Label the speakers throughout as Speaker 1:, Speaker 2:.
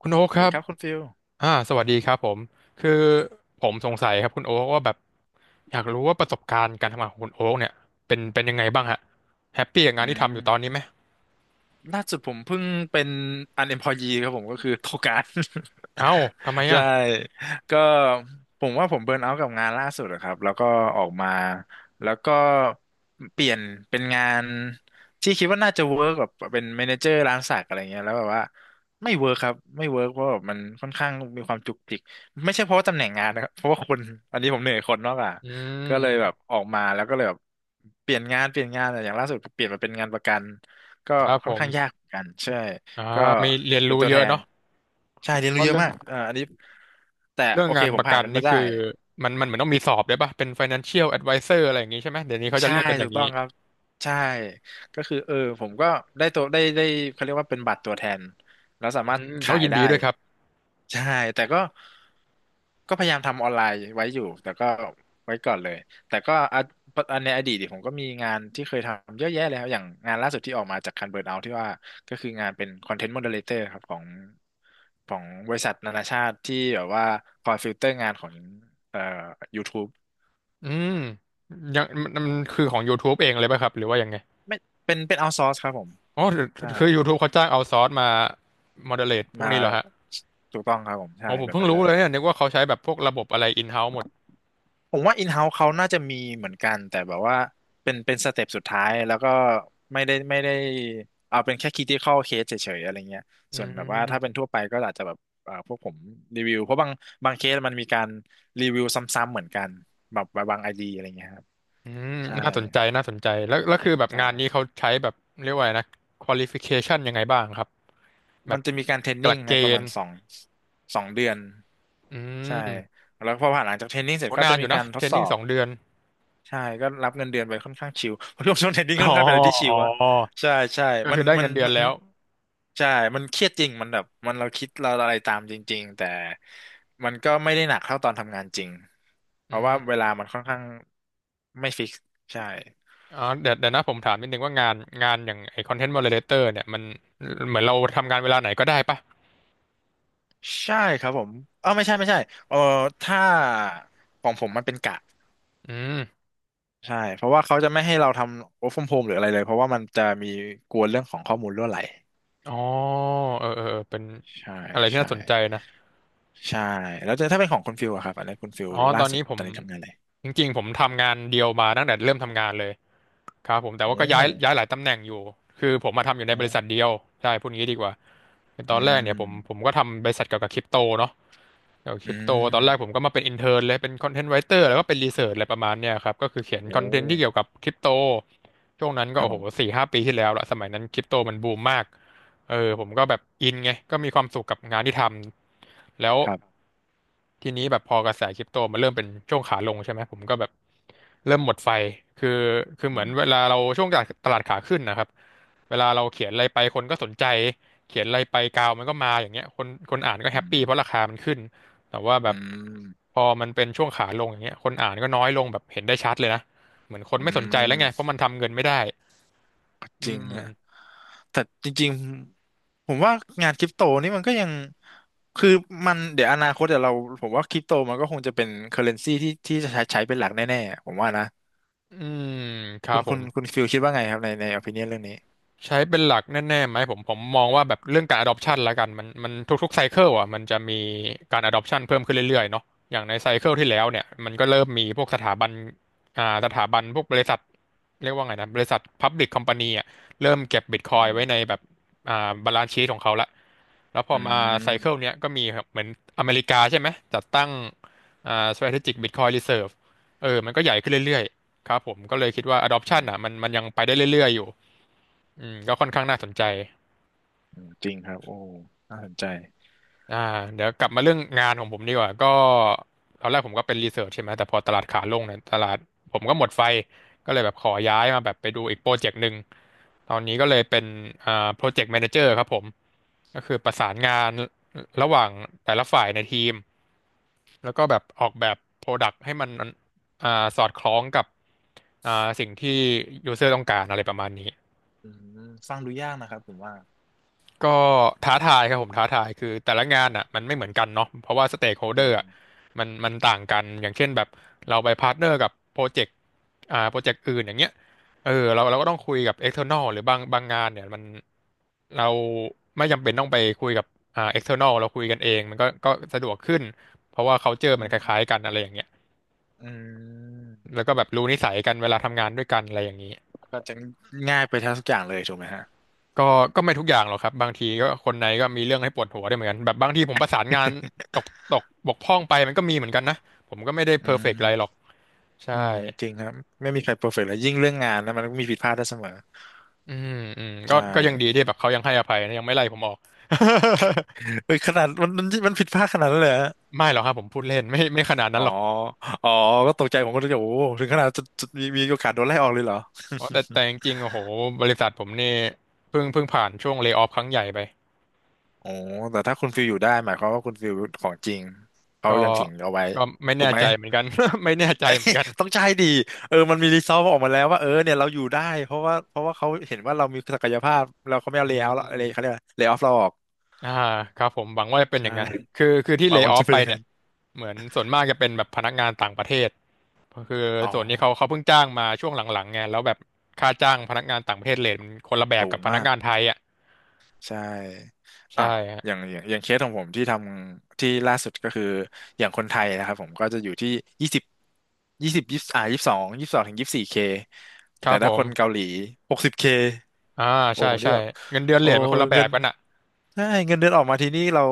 Speaker 1: คุณโอ๊ค
Speaker 2: ส
Speaker 1: ค
Speaker 2: วัส
Speaker 1: รั
Speaker 2: ดี
Speaker 1: บ
Speaker 2: ครับคุณฟิล
Speaker 1: สวัสดีครับผม คือผมสงสัยครับคุณโอ๊คว่าแบบอยากรู้ว่าประสบการณ์การทำงานของคุณโอ๊คเนี่ยเป็นยังไงบ้างฮะแฮปปี้กับ
Speaker 2: อื
Speaker 1: งานที่ทำอยู่ตอนนี้
Speaker 2: ม
Speaker 1: ไหม
Speaker 2: ล่าสุดผมเพิ่งเป็น unemployee ครับผมก็คือโทการ
Speaker 1: เอ้าทำไม
Speaker 2: ใช่
Speaker 1: อ่ะ
Speaker 2: ก็ผมว่าผมเบิร์นเอาท์กับงานล่าสุดอะครับแล้วก็ออกมาแล้วก็เปลี่ยนเป็นงานที่คิดว่าน่าจะเวิร์กแบบเป็นแมเนเจอร์ร้านสักอะไรเงี้ยแล้วแบบว่าไม่เวิร์กครับไม่เวิร์กเพราะแบบมันค่อนข้างมีความจุกจิกไม่ใช่เพราะว่าตำแหน่งงานนะครับเพราะว่าคนอันนี้ผมเหนื่อยคนมากกว่า
Speaker 1: อืม
Speaker 2: ก็เล
Speaker 1: อื
Speaker 2: ยแบบ
Speaker 1: ม
Speaker 2: ออกมาแล้วก็เลยแบบเปลี่ยนงานเปลี่ยนงานแต่อย่างล่าสุดเปลี่ยนมาเป็นงานประกัน ก็
Speaker 1: ครับ
Speaker 2: ค่
Speaker 1: ผ
Speaker 2: อน
Speaker 1: ม
Speaker 2: ข้างยากเหมือนกันใช่
Speaker 1: อ่า
Speaker 2: ก็
Speaker 1: มีเรียน
Speaker 2: เป็น
Speaker 1: รู้
Speaker 2: ตัว
Speaker 1: เย
Speaker 2: แท
Speaker 1: อะ
Speaker 2: น
Speaker 1: เนาะ
Speaker 2: ใช่เรียนรู้
Speaker 1: ว่า
Speaker 2: เยอะ
Speaker 1: เรื่อง
Speaker 2: มากเอ่าออันนี้แต่
Speaker 1: เรื่อง
Speaker 2: โอเค
Speaker 1: งาน
Speaker 2: ผ
Speaker 1: ป
Speaker 2: ม
Speaker 1: ระกั
Speaker 2: ผ่าน
Speaker 1: น
Speaker 2: มัน
Speaker 1: นี่
Speaker 2: มาได้
Speaker 1: คือมันเหมือนต้องมีสอบด้วยป่ะ เป็น financial advisor อะไรอย่างงี้ใช่ไหม เดี๋ยวนี้เขาจะ
Speaker 2: ใช่
Speaker 1: เรียกกันอ
Speaker 2: ถู
Speaker 1: ย่าง
Speaker 2: กต้
Speaker 1: นี้
Speaker 2: องครับใช่ก็คือเออผมก็ได้ตัวได้เขาเรียกว่าเป็นบัตรตัวแทนแล้วสา
Speaker 1: อื
Speaker 2: มารถ
Speaker 1: มโอ้
Speaker 2: ขาย
Speaker 1: ยิน
Speaker 2: ได้
Speaker 1: ดีด้วยครับ
Speaker 2: ใช่แต่ก็ก็พยายามทำออนไลน์ไว้อยู่แต่ก็ไว้ก่อนเลยแต่ก็อะอันในอดีตเนี่ยผมก็มีงานที่เคยทำเยอะแยะแล้วอย่างงานล่าสุดที่ออกมาจากคันเบิร์นเอาที่ว่าก็คืองานเป็นคอนเทนต์โมเดเลเตอร์ครับของของบริษัทนานาชาติที่แบบว่าคอยฟิลเตอร์งานของเอ่อ YouTube
Speaker 1: อืมยังมันมั
Speaker 2: ใช่
Speaker 1: นคือของ YouTube เองเลยป่ะครับหรือว่ายังไง
Speaker 2: ไม่เป็นเอาซอร์สครับผม
Speaker 1: อ๋อ
Speaker 2: ใช่
Speaker 1: คือ YouTube เขาจ้างเอาซอร์สมา o d เ r เล e พวก
Speaker 2: มา
Speaker 1: นี้เหรอฮะ
Speaker 2: ถูกต้องครับผมใช่
Speaker 1: อ๋อผม
Speaker 2: แบบ
Speaker 1: เพิ่ง
Speaker 2: นั้น
Speaker 1: รู้
Speaker 2: เลย
Speaker 1: เลยเนี่ยนึกว่าเขาใช้แบบพวกระบบอะไรอินเฮ้า์หมด
Speaker 2: ผมว่าอินเฮ้า์เขาน่าจะมีเหมือนกันแต่แบบว่าเป็นสเต็ปสุดท้ายแล้วก็ไม่ได้เอาเป็นแค่ค i i c a อ c เคสเฉยๆอะไรเงี้ย
Speaker 1: อื
Speaker 2: ส่วนแบบว่าถ้าเป็
Speaker 1: ม
Speaker 2: นทั่วไปก็อาจจะแบบพวกผมรีวิวเพราะบางเคสมันมีการรีวิวซ้ำๆเหมือนกันแบบบางไอดีอะไรเงี้ยครับ
Speaker 1: อืม
Speaker 2: ใช่
Speaker 1: น่าสนใจน่าสนใจแล้วคือแบบ
Speaker 2: ใช่
Speaker 1: งานนี้เขาใช้แบบเรียกว่าอะไรนะ qualification ยังไงบ้างครับแบ
Speaker 2: มั
Speaker 1: บ
Speaker 2: นจะมีการเทรน
Speaker 1: หลั
Speaker 2: นิ่ง
Speaker 1: กเก
Speaker 2: นะประ
Speaker 1: ณ
Speaker 2: มาณ
Speaker 1: ฑ์
Speaker 2: 2 เดือน
Speaker 1: อื
Speaker 2: ใช่
Speaker 1: ม
Speaker 2: แล้วพอผ่านหลังจากเทรนนิ่งเสร็
Speaker 1: โห
Speaker 2: จก็
Speaker 1: นา
Speaker 2: จะ
Speaker 1: นอ
Speaker 2: มี
Speaker 1: ยู่
Speaker 2: กา
Speaker 1: นะ
Speaker 2: รท
Speaker 1: เทร
Speaker 2: ด
Speaker 1: น
Speaker 2: สอ
Speaker 1: นิ่ง
Speaker 2: บ
Speaker 1: สองเดือน
Speaker 2: ใช่ก็รับเงินเดือนไปค่อนข้างชิล เพราะช่วงเทรนนิ่ง
Speaker 1: อ๋
Speaker 2: ค่
Speaker 1: อ
Speaker 2: อนข้างเป็นอะไรที่ชิ
Speaker 1: อ๋อ
Speaker 2: ลอะใช่ใช่
Speaker 1: ก็
Speaker 2: มั
Speaker 1: คื
Speaker 2: น
Speaker 1: อได้
Speaker 2: มัน
Speaker 1: เงินเดือน
Speaker 2: มัน
Speaker 1: แล้ว
Speaker 2: ใช่มันเครียดจริงมันแบบมันเราคิดเราอะไรตามจริงๆแต่มันก็ไม่ได้หนักเท่าตอนทำงานจริงเพ
Speaker 1: อื
Speaker 2: ราะว่า
Speaker 1: ม
Speaker 2: เวลามันค่อนข้างไม่ฟิกซ์ใช่
Speaker 1: อ๋อเดี๋ยวนะผมถามนิดนึงว่างานงานอย่างไอ้คอนเทนต์โมเดเลเตอร์เนี่ยมันเหมือนเราทำงานเวลาไหนก็ได้ปะ
Speaker 2: ใช่ครับผมเออไม่ใช่ไม่ใช่เออถ้าของผมมันเป็นกะ
Speaker 1: อืม
Speaker 2: ใช่เพราะว่าเขาจะไม่ให้เราทำ work from home หรืออะไรเลยเพราะว่ามันจะมีกลัวเรื่องของข้อมูลรั่วไหล
Speaker 1: อ๋อเออเออเป็น
Speaker 2: ใช่
Speaker 1: อะไรที่
Speaker 2: ใช่
Speaker 1: น่าสนใจนะ
Speaker 2: ใช่แล้วจะถ้าเป็นของคุณฟิลอะครับอันนี้คุณฟิล
Speaker 1: อ๋อต
Speaker 2: ล่า
Speaker 1: อน
Speaker 2: สุ
Speaker 1: นี้
Speaker 2: ด
Speaker 1: ผ
Speaker 2: ต
Speaker 1: ม
Speaker 2: อนนี้ทำงานอะไร
Speaker 1: จริงๆผมทำงานเดียวมาตั้งแต่เริ่มทำงานเลยครับผมแต่
Speaker 2: โอ้
Speaker 1: ว่าก็ย้ายหลายตำแหน่งอยู่ คือผมมาทำอยู่
Speaker 2: โอ
Speaker 1: ในบริษัท
Speaker 2: ้
Speaker 1: เดียวใช่พูดงี้ดีกว่าคือ
Speaker 2: อื
Speaker 1: ตอนแรกเนี่ยผม
Speaker 2: ม
Speaker 1: ก็ทำบริษัทเกี่ยวกับคริปโตเนาะ เกี่ยวกับค
Speaker 2: อื
Speaker 1: ริปโตตอนแรกผ
Speaker 2: ม
Speaker 1: มก็มาเป็นอินเท n ร์เลย เป็นคอนเทนต์ไรเตอร์แล้วก็เป็นรีเสิร์ชอะไรประมาณเนี้ยครับ ก็คือเขียน
Speaker 2: โอ้
Speaker 1: คอนเทนต์ที่เกี่ยวกับคริปโต ช่วงนั้น
Speaker 2: ค
Speaker 1: ก็
Speaker 2: รับ
Speaker 1: โอ้
Speaker 2: ผ
Speaker 1: โห
Speaker 2: ม
Speaker 1: สี่ห้าปีที่แล้วละสมัยนั้นคริปโตมันบูมมากเออผมก็แบบอินไงก็มีความสุขกับงานที่ทำ แล้ว
Speaker 2: ครับ
Speaker 1: ทีนี้แบบพอกระแสคริปโตมันเริ่มเป็นช่วงขาลงใช่ไหมผมก็แบบเริ่มหมดไฟ คือคือเห
Speaker 2: อื
Speaker 1: มือน
Speaker 2: ม
Speaker 1: เวลาเราช่วงตลาดขาขึ้นนะครับเวลาเราเขียนอะไรไปคนก็สนใจเขียนอะไรไปกาวมันก็มาอย่างเงี้ยคนอ่านก็แฮ
Speaker 2: อื
Speaker 1: ป
Speaker 2: ม
Speaker 1: ปี้เพราะราคามันขึ้น แต่ว่าแบ
Speaker 2: อื
Speaker 1: บ
Speaker 2: ม
Speaker 1: พอมันเป็นช่วงขาลงอย่างเงี้ยคนอ่านก็น้อยลงแบบเห็นได้ชัดเลยนะเหมือนคน
Speaker 2: อื
Speaker 1: ไม่สนใจแล้วไงเพ
Speaker 2: ม
Speaker 1: ราะมันทำเงินไม่ได้
Speaker 2: ก็
Speaker 1: อื
Speaker 2: จริง
Speaker 1: ม
Speaker 2: ฮะแต่จริงๆผมว่างานคริปโตนี่มันก็ยังคือมันเดี๋ยวอนาคตเดี๋ยวเราผมว่าคริปโตมันก็คงจะเป็นเคอเรนซีที่ที่จะใช้เป็นหลักแน่ๆผมว่านะ
Speaker 1: อืมครับผม
Speaker 2: คุณฟิลคิดว่าไงครับในอภินิยนเรื่องนี้
Speaker 1: ใช้เป็นหลักแน่ๆไหมผมมองว่าแบบเรื่องการ adoption ละกันมันทุกๆไซเคิลอ่ะมันจะมีการ adoption เพิ่มขึ้นเรื่อยๆเนาะอย่างในไซเคิลที่แล้วเนี่ยมันก็เริ่มมีพวกสถาบันสถาบันพวกบริษัทเรียกว่าไงนะบริษัท Public Company อ่ะเริ่มเก็บ
Speaker 2: อื
Speaker 1: Bitcoin ไว้
Speaker 2: ม
Speaker 1: ในแบบบาลานซ์ชีทของเขาละแล้วพอ
Speaker 2: อ
Speaker 1: มาไซเคิลเนี้ยก็มีครับเหมือนอเมริกาใช่ไหมจัดตั้งStrategic Bitcoin Reserve เออมันก็ใหญ่ขึ้นเรื่อยๆครับผมก็เลยคิดว่า
Speaker 2: ื
Speaker 1: adoption
Speaker 2: ม
Speaker 1: อ่ะมันยังไปได้เรื่อยๆอยู่ อืมก็ค่อนข้างน่าสนใจ
Speaker 2: จริงครับโอ้น่าสนใจ
Speaker 1: อ่าเดี๋ยวกลับมาเรื่องงานของผมดีกว่าก็ตอนแรกผมก็เป็นรีเสิร์ชใช่ไหม แต่พอตลาดขาลงเนี่ยตลาดผมก็หมดไฟ ก็เลยแบบขอย้ายมาแบบไปดูอีกโปรเจกต์หนึ่ง ตอนนี้ก็เลยเป็นโปรเจกต์แมเนเจอร์ครับผม ก็คือประสานงานระหว่างแต่ละฝ่ายในทีม แล้วก็แบบออกแบบโปรดักต์ให้มันอ่าสอดคล้องกับอ่าสิ่งที่ยูเซอร์ต้องการอะไรประมาณนี้
Speaker 2: อืมฟังดูยากนะครับผมว่า
Speaker 1: ก็ท้าทายครับผมท้าทายคือแต่ละงา
Speaker 2: โอ
Speaker 1: นอ่ะมัน
Speaker 2: ้
Speaker 1: ไม่เหมือนกันเนาะเพราะว่าสเต็กโฮ
Speaker 2: จ
Speaker 1: เดอ
Speaker 2: ริ
Speaker 1: ร์
Speaker 2: ง
Speaker 1: อ่ะมันต่างกันอย่างเช่นแบบเราไปพาร์ทเนอร์กับโปรเจกต์โปรเจกต์อื่นอย่างเงี้ยเออเราก็ต้องคุยกับ external หรือบางงานเนี่ยมันเราไม่จำเป็นต้องไปคุยกับexternal เราคุยกันเองมันก็สะดวกขึ้นเพราะว่า culture
Speaker 2: อื
Speaker 1: มันคล้ายๆกัน
Speaker 2: ม
Speaker 1: อะไรอย่างเงี้ย
Speaker 2: อืม
Speaker 1: แล้วก็แบบรู้นิสัยกันเวลาทำงานด้วยกันอะไรอย่างนี้
Speaker 2: ก็จะง่ายไปทั้งทุกอย่างเลยถูกไหมฮะ
Speaker 1: ก็ก็ไม่ทุกอย่างหรอกครับบางทีก็คนในก็มีเรื่องให้ปวดหัวได้เหมือนกันแบบบางทีผมประสานงานตก ตกบกพร่องไปมันก็มีเหมือนกันนะผมก็ไม่ได้
Speaker 2: อื
Speaker 1: เพอร์เฟกต์อะไรหรอก
Speaker 2: ม
Speaker 1: ใช่
Speaker 2: อืมจริงครับไม่มีใครเพอร์เฟกต์แล้วยิ่งเรื่องงานนะมันก็มีผิดพลาดได้เสมอ
Speaker 1: อืมอืม
Speaker 2: ใช
Speaker 1: ก็ยังดี
Speaker 2: ่
Speaker 1: ที่แบบเขายังให้อภัยนะยังไม่ไล่ผมออก
Speaker 2: เอ้ยขนาดมันผิดพลาดขนาดนั้นเลยเหรอ
Speaker 1: ไม่หรอกครับผมพูดเล่นไม่ขนาดนั้
Speaker 2: อ๋
Speaker 1: น
Speaker 2: อ
Speaker 1: หรอก
Speaker 2: อ๋อก็ตกใจผมก็เลยโอ้โหถึงขนาดจะมีโอกาสโดนไล่ออกเลยเหรอ
Speaker 1: อ๋อแต่จ ริงๆโอ้โหบริษัทผมนี่เพิ่งผ่านช่วงเล y o ออฟครั้งใหญ่ไป
Speaker 2: โอ้แต่ถ้าคุณฟิลอยู่ได้หมายความว่าคุณฟิลของจริงเขา
Speaker 1: ก็
Speaker 2: ยังถึงเอาไว้
Speaker 1: ก็ไม่
Speaker 2: ถู
Speaker 1: แน่
Speaker 2: กไหม
Speaker 1: ใจเหมือนกัน ไม่แน่ใจเหมือนกัน
Speaker 2: ต้องใช่ดี เออ มันมีรีซอสออกมาแล้วว่าเออเนี่ยเราอยู่ได้เพราะว่าเขาเห็นว่าเรามีศักยภาพเราเขาไม่เอา
Speaker 1: อื
Speaker 2: เลย์เอาท์เลยเขา
Speaker 1: ม
Speaker 2: เรียกว่าเลย์ออฟเราออก
Speaker 1: อ่าครับผมหวังว่าจะเป็นอ
Speaker 2: ใช่
Speaker 1: ย่างนั้นคือที่
Speaker 2: หวั
Speaker 1: เล
Speaker 2: ง
Speaker 1: y o อ
Speaker 2: ว่า
Speaker 1: อ
Speaker 2: จะ
Speaker 1: ฟ
Speaker 2: เป็น
Speaker 1: ไป
Speaker 2: อย่าง
Speaker 1: เนี่ย
Speaker 2: นั้น
Speaker 1: เหมือนส่วนมากจะเป็นแบบพนักงานต่างประเทศคือ
Speaker 2: อ๋อ
Speaker 1: ส่วนนี้เขาเพิ่งจ้างมาช่วงหลังๆไงแล้วแบบค่าจ้างพนักงานต่างประเทศเรทมันคนละแบบ
Speaker 2: สู
Speaker 1: กั
Speaker 2: ง
Speaker 1: บพนัก
Speaker 2: มาก
Speaker 1: งานไทยอ่ะ
Speaker 2: ใช่อ่ะ
Speaker 1: ใช่ฮะ
Speaker 2: อย่างเคสของผมที่ทำที่ล่าสุดก็คืออย่างคนไทยนะครับผมก็จะอยู่ที่ยี่สิบยี่สิบสองถึงยี่สิบสี่เค
Speaker 1: ค
Speaker 2: แต่
Speaker 1: รับผ
Speaker 2: ถ้าคนเกา
Speaker 1: ม
Speaker 2: หลี60K
Speaker 1: อ่า
Speaker 2: โอ้
Speaker 1: ใช่
Speaker 2: ผมนี่
Speaker 1: ใช่
Speaker 2: แบบ
Speaker 1: เงินเดือนเร
Speaker 2: โอ้
Speaker 1: ทมันคนละแบ
Speaker 2: เงิ
Speaker 1: บ
Speaker 2: น
Speaker 1: กันอ่ะ
Speaker 2: ใช่เงินเดือนออกมาทีนี้เรา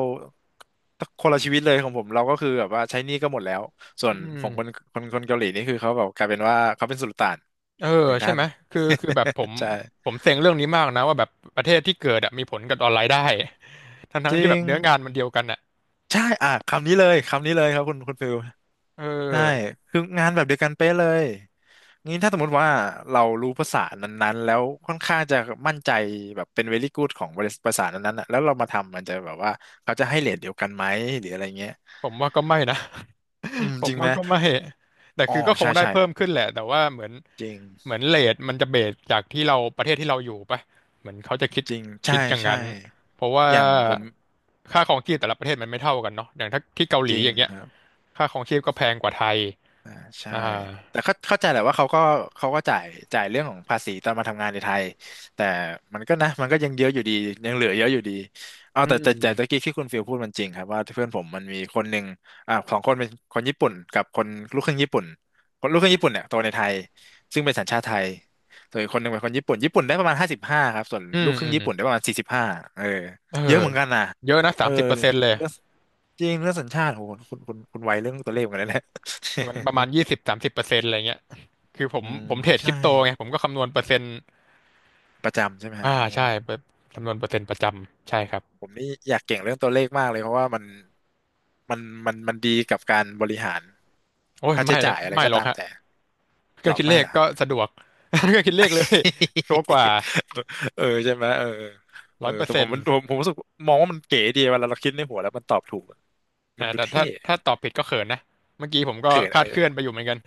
Speaker 2: คนละชีวิตเลยของผมเราก็คือแบบว่าใช้หนี้ก็หมดแล้วส่ว
Speaker 1: อื
Speaker 2: น
Speaker 1: ม
Speaker 2: ของคนคนเกาหลีนี่คือเขาแบบกลายเป็นว่าเขาเป็นสุลต่าน
Speaker 1: เออ
Speaker 2: หนึ่ง
Speaker 1: ใช่
Speaker 2: ท่า
Speaker 1: ไห
Speaker 2: น
Speaker 1: มคือแบบผม
Speaker 2: ใช่
Speaker 1: ผมเซ็งเรื่องนี้มากนะว่าแบบประเทศที่เกิดอะมีผลกับออนไลน์ได้ ทั้งทั้
Speaker 2: จ
Speaker 1: ง
Speaker 2: ริ
Speaker 1: ที่แบบ
Speaker 2: ง
Speaker 1: เนื้องานมันเดียวกันอ่ะ
Speaker 2: ใช่อ่ะคำนี้เลยคำนี้เลยครับคุณฟิล
Speaker 1: เอ
Speaker 2: ใช่
Speaker 1: อ
Speaker 2: คืองานแบบเดียวกันเป๊ะเลยงี้ถ้าสมมติว่าเรารู้ภาษานั้นๆแล้วค่อนข้างจะมั่นใจแบบเป็น very good ของบริษัทภาษานั้นๆน่ะแล้วเรามาทำมันจะแบบว่าเขาจะให้เรทเดียวกันไหมหรืออะไรเงี้ย
Speaker 1: ผมว่าก็ไม่นะ
Speaker 2: อืม
Speaker 1: ผ
Speaker 2: จ
Speaker 1: ม
Speaker 2: ริงไห
Speaker 1: ว่า
Speaker 2: ม
Speaker 1: ก็ไม่แต่
Speaker 2: อ๋อ
Speaker 1: คือก็ค
Speaker 2: ใช่
Speaker 1: งได้
Speaker 2: ใช่
Speaker 1: เพิ่มขึ้นแหละแต่ว่าเหมือน
Speaker 2: จริง
Speaker 1: เหมือนเรทมันจะเบสจากที่เราประเทศที่เราอยู่ปะเหมือนเขาจะคิด
Speaker 2: จริง
Speaker 1: คิ
Speaker 2: ใช่
Speaker 1: ดอย่าง
Speaker 2: ใช่
Speaker 1: นั้น เพราะว่า
Speaker 2: อย่างผม
Speaker 1: ค่าครองชีพแต่ละประเทศมันไม่เท่ากันเนาะอย่างถ้าที่เกาห
Speaker 2: จ
Speaker 1: ลี
Speaker 2: ริ
Speaker 1: อ
Speaker 2: ง
Speaker 1: ย่างเงี้ย
Speaker 2: ครับ
Speaker 1: ค่าครองชีพก็แพงกว่าไทย
Speaker 2: อ่าใช่
Speaker 1: อ่า
Speaker 2: แต่เข้าใจแหละว่าเขาก็จ่ายเรื่องของภาษีตอนมาทำงานในไทยแต่มันก็นะมันก็ยังเยอะอยู่ดียังเหลือเยอะอยู่ดีเอา
Speaker 1: อื
Speaker 2: แต่
Speaker 1: ม
Speaker 2: แต่แต่ตะกี้ที่คุณฟิลพูดมันจริงครับว่าเพื่อนผมมันมีคนหนึ่งสองคนเป็นคนญี่ปุ่นกับคนลูกครึ่งญี่ปุ่นคนลูกครึ่งญี่ปุ่นเนี่ยโตในไทยซึ่งเป็นสัญชาติไทยส่วนอีกคนหนึ่งเป็นคนญี่ปุ่นญี่ปุ่นได้ประมาณ55ครับส่วน
Speaker 1: อืม
Speaker 2: ลูกค
Speaker 1: อื
Speaker 2: รึ่ง
Speaker 1: ม
Speaker 2: ญี่ปุ่นได้ประมาณ45เออ
Speaker 1: เออ
Speaker 2: เยอะเหมือนกันนะ
Speaker 1: เยอะนะสา
Speaker 2: เออ
Speaker 1: มสิบเปอร์เซ็นต์เลย
Speaker 2: เรื่องจริงเรื่องสัญชาติโหคุณไวเรื่องตัวเลขเหมือนกันนะ
Speaker 1: มันประมาณ20-30%อะไรเงี้ยคือผม
Speaker 2: อืม
Speaker 1: ผมเทรดค
Speaker 2: ใช่
Speaker 1: ริปโตไงผมก็คำนวณเปอร์เซ็นต์
Speaker 2: ประจำใช่ไหมฮะ
Speaker 1: อ่า
Speaker 2: โอ้
Speaker 1: ใช่เปอร์คำนวณเปอร์เซ็นต์ประจำใช่ครับ
Speaker 2: ผมนี่อยากเก่งเรื่องตัวเลขมากเลยเพราะว่ามันมันดีกับการบริหาร
Speaker 1: โอ้ย
Speaker 2: ค่า
Speaker 1: ไม่
Speaker 2: ใช้จ่ายอะไร
Speaker 1: ไม่
Speaker 2: ก็
Speaker 1: หรอก
Speaker 2: ตาม
Speaker 1: ฮะ
Speaker 2: แต่
Speaker 1: เค
Speaker 2: ห
Speaker 1: รื่
Speaker 2: ร
Speaker 1: อง
Speaker 2: อ
Speaker 1: คิดเล
Speaker 2: ไม่
Speaker 1: ข
Speaker 2: ล่ะ
Speaker 1: ก็สะดวก เครื่องคิดเลขเลยชัวร์กว่า
Speaker 2: เออใช่ไหมเออเอ
Speaker 1: ร้
Speaker 2: อ
Speaker 1: อยเปอร์
Speaker 2: แต่ผ
Speaker 1: เซ็น
Speaker 2: มมั
Speaker 1: ต์
Speaker 2: นผมผมรู้สึกมองว่ามันเก๋ดีเวลาเราคิดในหัวแล้วมันตอบถูกอะมั
Speaker 1: อ่า
Speaker 2: นดู
Speaker 1: แต่
Speaker 2: เท่
Speaker 1: ถ้าตอบผิดก็เขินนะเมื่อกี้ผมก็
Speaker 2: เขิน
Speaker 1: คลา
Speaker 2: เอ
Speaker 1: ด
Speaker 2: อ
Speaker 1: เคลื่อนไปอยู่เหมือนกัน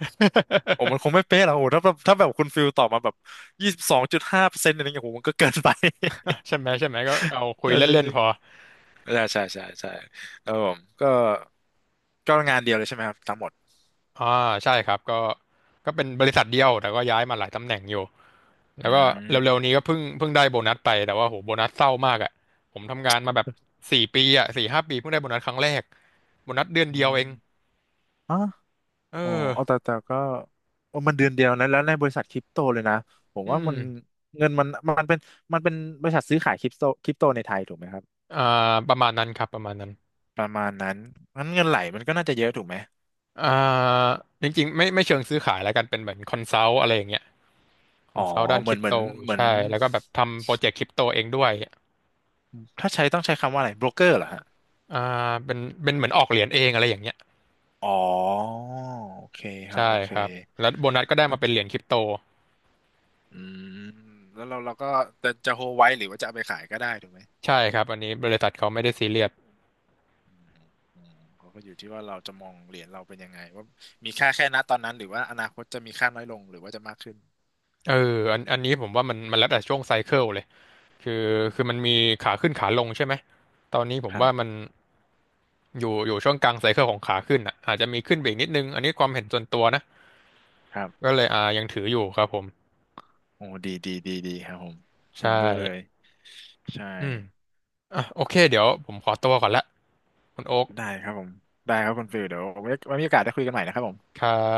Speaker 2: โอ้มันคงไม่เป๊ะหรอกโอ้ถ้าแบบถ้าแบบคุณฟิลตอบมาแบบ22.5%อะไรเงี้ยโอ้โหมันก็เกินไป
Speaker 1: ใช่ไหมใช่ไหมก็เอา คุย
Speaker 2: ใช่จ
Speaker 1: เล่น
Speaker 2: ริ
Speaker 1: ๆพ
Speaker 2: ง
Speaker 1: อ
Speaker 2: ๆใช่ใช่ใช่ใช่ครับผมก็ ก็งานเดียวเลยใช่ไหมครับทั้งหมด
Speaker 1: อ่าใช่ครับก็เป็นบริษัทเดียวแต่ก็ย้ายมาหลายตำแหน่งอยู่แล้
Speaker 2: อื
Speaker 1: วก็เร็วๆนี้ก็
Speaker 2: ม
Speaker 1: เพิ่งได้โบนัสไปแต่ว่าโหโบนัสเศร้ามากอ่ะผมทำงานมาแบบ4 ปีอ่ะ4-5 ปีเพิ่งได้โบนัสครั้งแรกโบนัสเดือนเดียวเอ
Speaker 2: อื
Speaker 1: ง
Speaker 2: มอ๋อ
Speaker 1: เอ
Speaker 2: อ๋อเอาแต่
Speaker 1: อ
Speaker 2: แต่ก็โอ้มันเดือนเดียวนะแล้วในบริษัทคริปโตเลยนะผม
Speaker 1: อื
Speaker 2: ว่า
Speaker 1: ม
Speaker 2: มันเงินมันมันเป็นมันเป็นบริษัทซื้อขายคริปโตในไทยถูกไหมครับ
Speaker 1: อ่าประมาณนั้นครับประมาณนั้น
Speaker 2: ประมาณนั้นงั้นเงินไหลมันก็น่าจะเยอะถูกไหม
Speaker 1: อ่าจริงๆไม่เชิงซื้อขายแล้วกันเป็นเหมือนคอนซัลท์อะไรอย่างเงี้ยค
Speaker 2: อ๋
Speaker 1: อ
Speaker 2: อ
Speaker 1: นซัลท์ด้าน
Speaker 2: เห
Speaker 1: ค
Speaker 2: มือ
Speaker 1: ริ
Speaker 2: น
Speaker 1: ป
Speaker 2: เหมื
Speaker 1: โต
Speaker 2: อนเหมือน
Speaker 1: ใช่แล้วก็แบบทำโปรเจกต์คริปโตเองด้วย
Speaker 2: ถ้าใช้ต้องใช้คำว่าอะไรโบรกเกอร์เหรอฮะ
Speaker 1: อ่าเป็นเป็นเหมือนออกเหรียญเองอะไรอย่างเงี้ย
Speaker 2: อ๋อโอเคครับ
Speaker 1: ใช่
Speaker 2: โอเค
Speaker 1: ครับแล้วโบนัสก็ได้
Speaker 2: ก็
Speaker 1: มาเป็นเหรียญคริปโต
Speaker 2: อืมแล้วเราเราก็จะโฮลไว้หรือว่าจะเอาไปขายก็ได้ถูกไหม
Speaker 1: ใช่ครับอันนี้บริษัทเขาไม่ได้ซีเรียส
Speaker 2: อืมเขาก็อยู่ที่ว่าเราจะมองเหรียญเราเป็นยังไงว่ามีค่าแค่ณตอนนั้นหรือว่าอนาคตจะมีค่าน้อยลงหรือว่าจะมากขึ้น
Speaker 1: เอออันนี้ผมว่ามันแล้วแต่ช่วงไซเคิลเลยคือ
Speaker 2: อืม
Speaker 1: คือมันมีขาขึ้นขาลงใช่ไหมตอนนี้ผ
Speaker 2: ค
Speaker 1: ม
Speaker 2: รั
Speaker 1: ว่ามัน
Speaker 2: บ
Speaker 1: อยู่ช่วงกลางไซเคิลของขาขึ้นอ่ะอาจจะมีขึ้นไปอีกนิดนึงอันนี้ความเห็นส่วนตัวนะ
Speaker 2: ครับ
Speaker 1: ก็เลยอ่ายังถืออยู่ครับผม
Speaker 2: โอ้ดีดีดีดีครับผม
Speaker 1: ใช่
Speaker 2: เห็นด้วยเลยใช่
Speaker 1: อืม อ่ะโอเคเดี๋ยวผมขอตัวก่อนละคุณโอ๊ค
Speaker 2: ได้ครับผมได้ครับคุณฟิลเดี๋ยวไว้มีโอกาสได้คุยกันใหม่นะครับผม
Speaker 1: ครับ